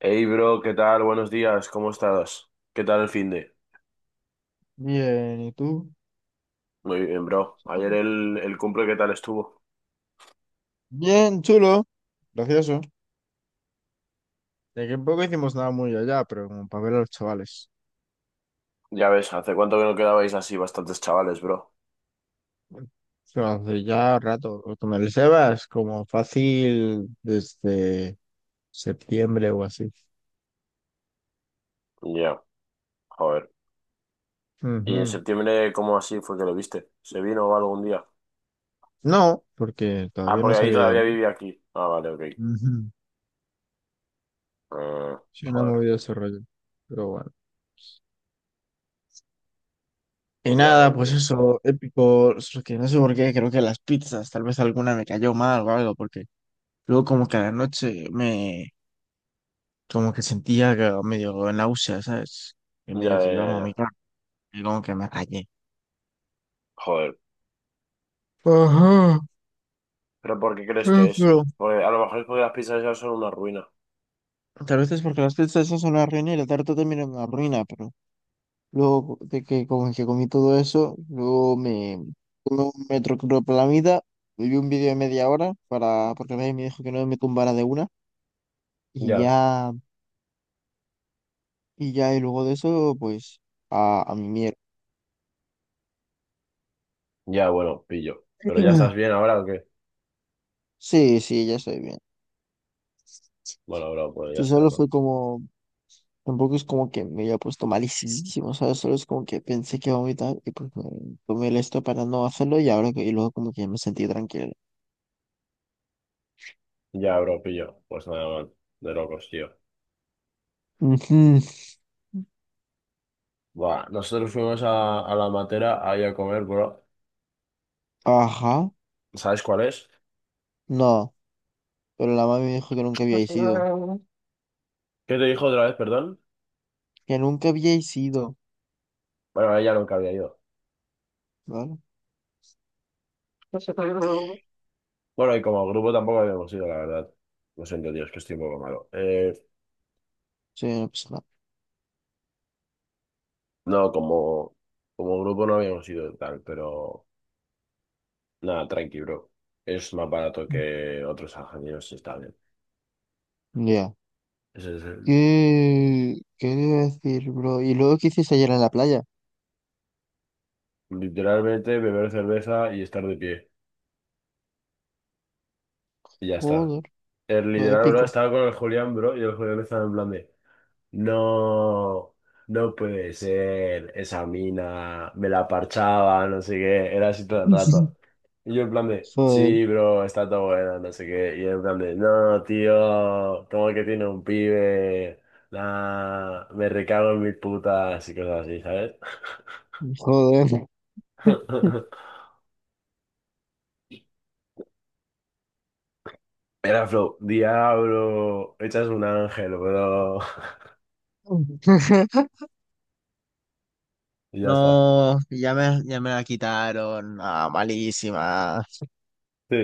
Hey bro, ¿qué tal? Buenos días, ¿cómo estás? ¿Qué tal el fin de? Bien, ¿y tú? Muy bien, bro. Ayer el cumple, ¿qué tal estuvo? Bien, chulo. Gracioso. De que en poco hicimos nada muy allá, pero como para ver a los chavales. Ya ves, ¿hace cuánto que no quedabais así bastantes chavales, bro? Bueno, pero hace ya rato. Lo Con el Sebas, como fácil desde septiembre o así. Ya, joder. ¿Y en Ujú. septiembre cómo así fue que lo viste? ¿Se vino algún día? No, porque Ah, todavía no porque se ahí había ido. todavía vivía aquí. Ah, vale, ok. Ujú. Ah, Sí, no ha joder. movido ese rollo. Pero bueno. Y Ya, nada, pues eso, épico. Solo que no sé por qué, creo que las pizzas, tal vez alguna me cayó mal o algo, porque luego como que a la noche me. Como que sentía que medio náusea, ¿sabes? Y medio ya, que ya, iba a ya, ya. vomitar, y como que me rayé. Joder. Ajá, ¿Pero por qué crees que es? pero Porque a lo mejor es porque las pizzas ya son una ruina. tal vez es porque las pizzas esas son una ruina y la tarta también es una ruina, pero luego de que como que comí todo eso, luego me tomé un metro metoclopramida, vi un vídeo de media hora para, porque nadie me dijo que no me tumbara de una, y Ya, ya, y luego de eso, pues, a mi mierda. ya, bueno, pillo. ¿Pero ya estás bien ahora o qué? Sí, sí, ya estoy bien. Bueno, bro, pues ya Y está, solo bro. fue como tampoco es como que me haya puesto malísimo, ¿sabes? Solo es como que pensé que iba a vomitar y pues me tomé el esto para no hacerlo y y luego como que ya me sentí tranquilo. Ya, bro, pillo. Pues nada, man, de locos, tío. Ujú. Buah, nosotros fuimos a la matera ahí a comer, bro. Ajá, ¿Sabes cuál es? no, pero la mami me dijo que nunca ¿Qué había ido. te dijo otra vez, perdón? Que nunca había ido, Bueno, ella nunca había ido. ¿vale? Bueno, y como grupo tampoco habíamos ido, la verdad. Lo siento, tío, es que estoy un poco malo. Sí, no pasa nada. No, como grupo no habíamos ido tal, pero nada, tranqui, bro. Es más barato que otros ingenieros y está bien. Mm. Ya. Ese es el- Qué iba a decir, bro? ¿Y luego qué hiciste ayer en la playa? literalmente beber cerveza y estar de pie. Y ya está. Joder, El todo literal, bro, épico. estaba con el Julián, bro, y el Julián estaba en plan de, no, no puede ser, esa mina, me la parchaba, no sé qué, era así todo el rato. Y yo en plan de, Joder, sí, bro, está todo bueno, no sé qué, y él en plan de, no, tío, como que tiene un pibe, nah, me recago en mis putas y cosas así, ¿sabes? joder. Era flow, diablo, echas un ángel, bro, y ya está. No, ya me la quitaron. Ah, malísima. Sí,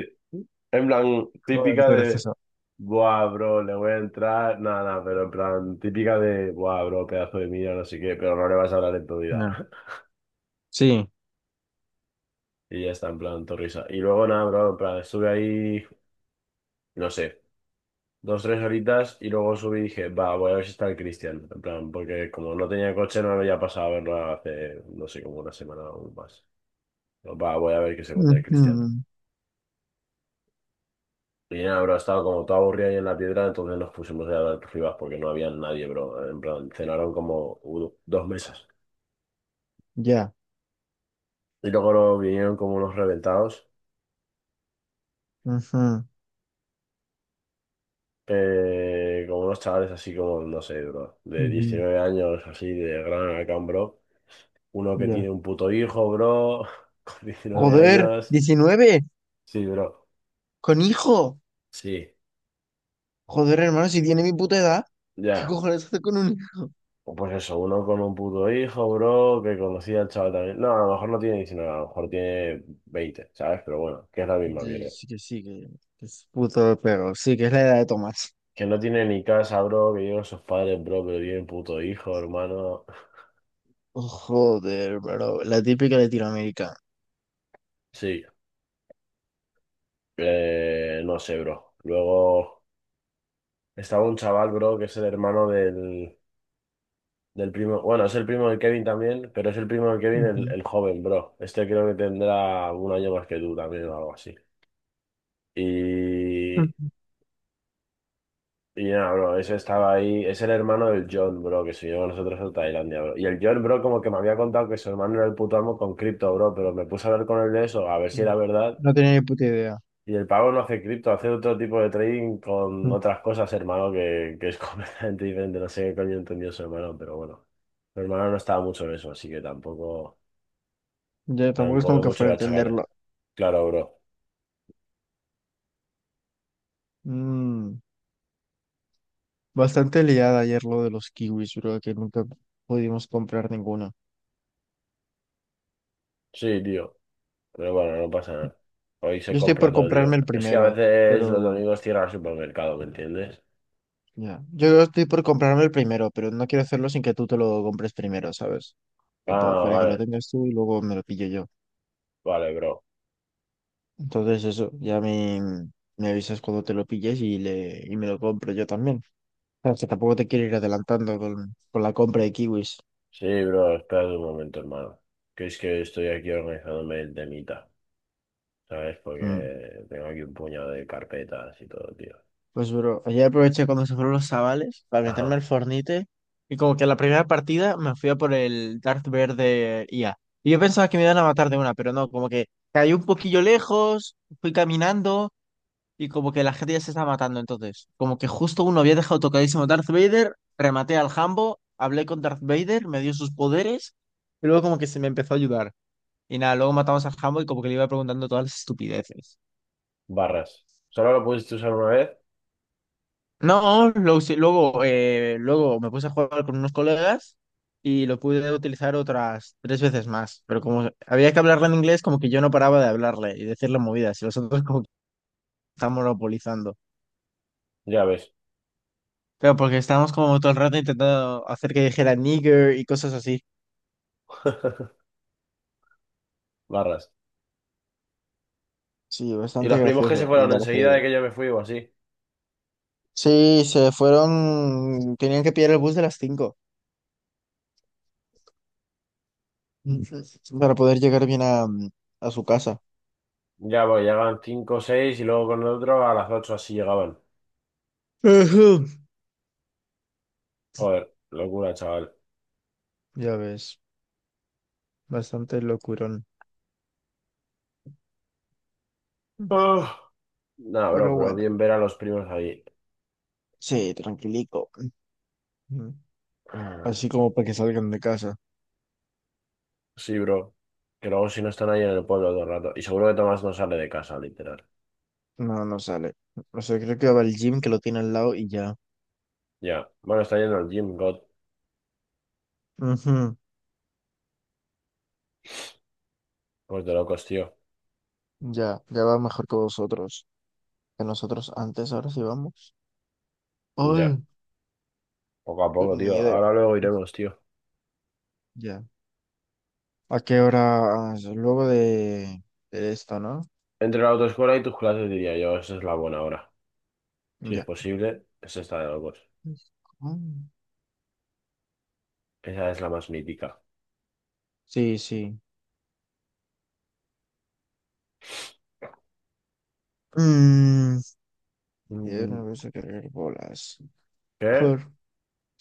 en plan, Joder, típica qué de, gracioso. buah, bro, le voy a entrar, nada, nada, pero en plan, típica de, buah, bro, pedazo de mierda, no sé qué, pero no le vas a hablar en tu vida. No. Y ya está, en plan, torrisa. Y luego, nada, bro, en plan, estuve ahí, no sé, 2, 3 horitas y luego subí y dije, va, voy a ver si está el Cristian, en plan, porque como no tenía coche, no me había pasado a verlo hace, no sé, como una semana o más. Va, voy a ver que se encuentra el Cristian. Ujú, Y nada, bro, estaba como todo aburrido ahí en la piedra, entonces nos pusimos a hablar rivas porque no había nadie, bro. En plan, cenaron como u- dos mesas. ya. Y luego nos vinieron como unos reventados, Ujú, como unos chavales así como, no sé, bro, de ujú, 19 años, así, de gran Alacant, bro. Uno que ya. tiene un puto hijo, bro, con 19 Joder, años. 19 Sí, bro, con hijo. sí, Joder, hermano, si tiene mi puta edad, ¿qué ya. cojones hace con un hijo? O pues eso, uno con un puto hijo, bro, que conocía al chaval también. No, a lo mejor no tiene 19, a lo mejor tiene 20, ¿sabes? Pero bueno, que es la misma Sí, mierda. sí que sí, que es puto perro. Sí, que es la edad de Tomás. Que no tiene ni casa, bro, que llevan sus padres, bro, pero tienen puto hijo, hermano. Oh, joder, bro. La típica Latinoamérica. Sí, no sé, bro. Luego estaba un chaval, bro, que es el hermano del primo. Bueno, es el primo de Kevin también, pero es el primo de Kevin el, Ujú, el joven, bro. Este creo que tendrá un año más que tú también o algo así. ujú, Y, y nada, bro, ese estaba ahí. Es el hermano del John, bro, que se llevó a nosotros a Tailandia, bro. Y el John, bro, como que me había contado que su hermano era el puto amo con cripto, bro, pero me puse a hablar con él de eso, a ver si sí. era verdad. No tenía ni puta idea. Y el pavo no hace cripto, hace otro tipo de trading con Mm. otras cosas, hermano, que es completamente diferente. No sé qué coño entendió su hermano, pero bueno. Mi hermano no estaba mucho en eso, así que tampoco, Ya, tampoco es tampoco como hay que mucho fuera que a achacarle. entenderlo. Claro, bro. Mm. Bastante liada ayer lo de los kiwis, bro, que nunca pudimos comprar ninguna. Sí, tío. Pero bueno, no pasa nada. Hoy Yo se estoy compra por todo, comprarme tío. el Es que a primero, veces los pero domingos cierra el supermercado, ¿me entiendes? ya. Yo estoy por comprarme el primero, pero no quiero hacerlo sin que tú te lo compres primero, ¿sabes? Tipo, Ah, para que lo vale. tengas tú y luego me lo pillo yo. Vale, bro. Entonces eso, me avisas cuando te lo pilles y me lo compro yo también. O sea, que tampoco te quiero ir adelantando con la compra de kiwis. Sí, bro, espérate un momento, hermano. Que es que estoy aquí organizándome el temita. ¿Sabes? Mm. Porque tengo aquí un puñado de carpetas y todo, tío. Pues, bro, ayer aproveché cuando se fueron los chavales para meterme al Ajá, Fornite y como que la primera partida me fui a por el Darth Vader de IA. Y yo pensaba que me iban a matar de una, pero no, como que caí un poquillo lejos, fui caminando y como que la gente ya se estaba matando entonces. Como que justo uno había dejado tocadísimo Darth Vader, rematé al Jambo, hablé con Darth Vader, me dio sus poderes y luego como que se me empezó a ayudar. Y nada, luego matamos al Jambo y como que le iba preguntando todas las estupideces. barras. Solo lo pudiste usar una vez, No, luego, luego me puse a jugar con unos colegas y lo pude utilizar otras tres veces más, pero como había que hablarle en inglés, como que yo no paraba de hablarle y decirle movidas, y los otros como que estaban monopolizando. ya ves. Pero porque estábamos como todo el rato intentando hacer que dijera nigger y cosas así. Barras. Sí, Y bastante los primos que se gracioso el fueron Darth enseguida Vader. de que yo me fui o así. Sí, se fueron, tenían que pillar el bus de las 5 para poder llegar bien a su casa. Ya, pues llegaban 5 o 6 y luego con el otro a las 8 así llegaban. Ujú. Joder, locura, chaval. Ya ves, bastante locurón. Ah. Nah, Pero bro, pero bueno, bien ver a los primos ahí. sí, tranquilico. Ujú, Ah, así como para que salgan de casa. sí, bro. Que luego si no están ahí en el pueblo todo el rato. Y seguro que Tomás no sale de casa, literal. No, no sale. O sea, creo que va al gym que lo tiene al lado y ya. Ya. Bueno, está yendo al gym, God. Ujú, Pues de locos, tío. ya, ya va mejor que vosotros. Que nosotros antes, ahora sí vamos. Ya. Ay, Poco a poco, ni tío. idea. Ahora luego iremos, tío. Ya. ¿A qué hora? Ah, luego de esto, ¿no? Entre la autoescuela y tus clases diría yo, esa es la buena hora. Si es Ya. posible, esa está de locos. Mm, Esa es la más mítica. sí, sí. Mm, y de Mm, una a cargar bolas. ¿qué? Joder.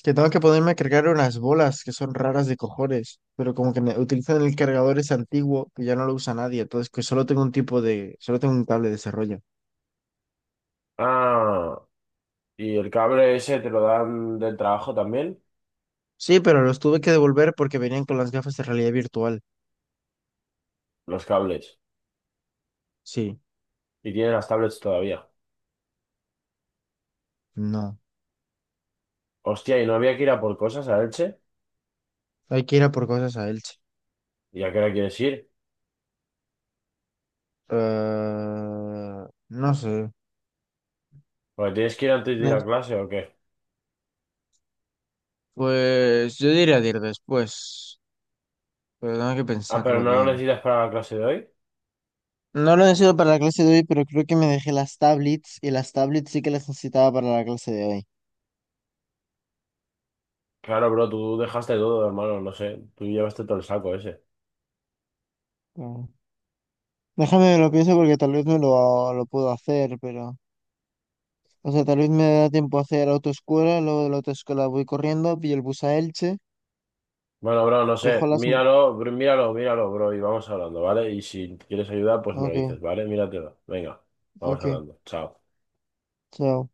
Que tengo que ponerme a cargar unas bolas que son raras de cojones, pero como que utilizan el cargador es antiguo que ya no lo usa nadie, entonces que solo tengo un tipo de, solo tengo un cable de desarrollo. Ah, ¿y el cable ese te lo dan del trabajo también? Sí, pero los tuve que devolver porque venían con las gafas de realidad virtual. Los cables. Sí, Y tienen las tablets todavía. no. Hostia, ¿y no había que ir a por cosas a Elche? Hay que ir a por cosas a Elche. ¿Y a qué hora quieres ir? Ah, no sé. Porque tienes que ir antes de ir No, a clase o qué. pues yo diría de ir después, pero tengo que Ah, pero pensarlo no lo bien. necesitas para la clase de hoy. No lo necesito para la clase de hoy, pero creo que me dejé las tablets y las tablets sí que las necesitaba para la clase de Claro, bro, tú dejaste todo, hermano, no sé. Tú llevaste todo el saco ese. hoy. Déjame, lo pienso porque tal vez lo puedo hacer, pero... O sea, tal vez me da tiempo a hacer autoescuela, luego de la autoescuela voy corriendo, pillo el bus a Elche, Bueno, bro, no sé, cojo las... míralo, míralo, míralo, bro, y vamos hablando, ¿vale? Y si quieres ayuda, pues me lo Ok, dices, ¿vale? Míratelo. Venga, vamos ok, hablando. Chao. chao.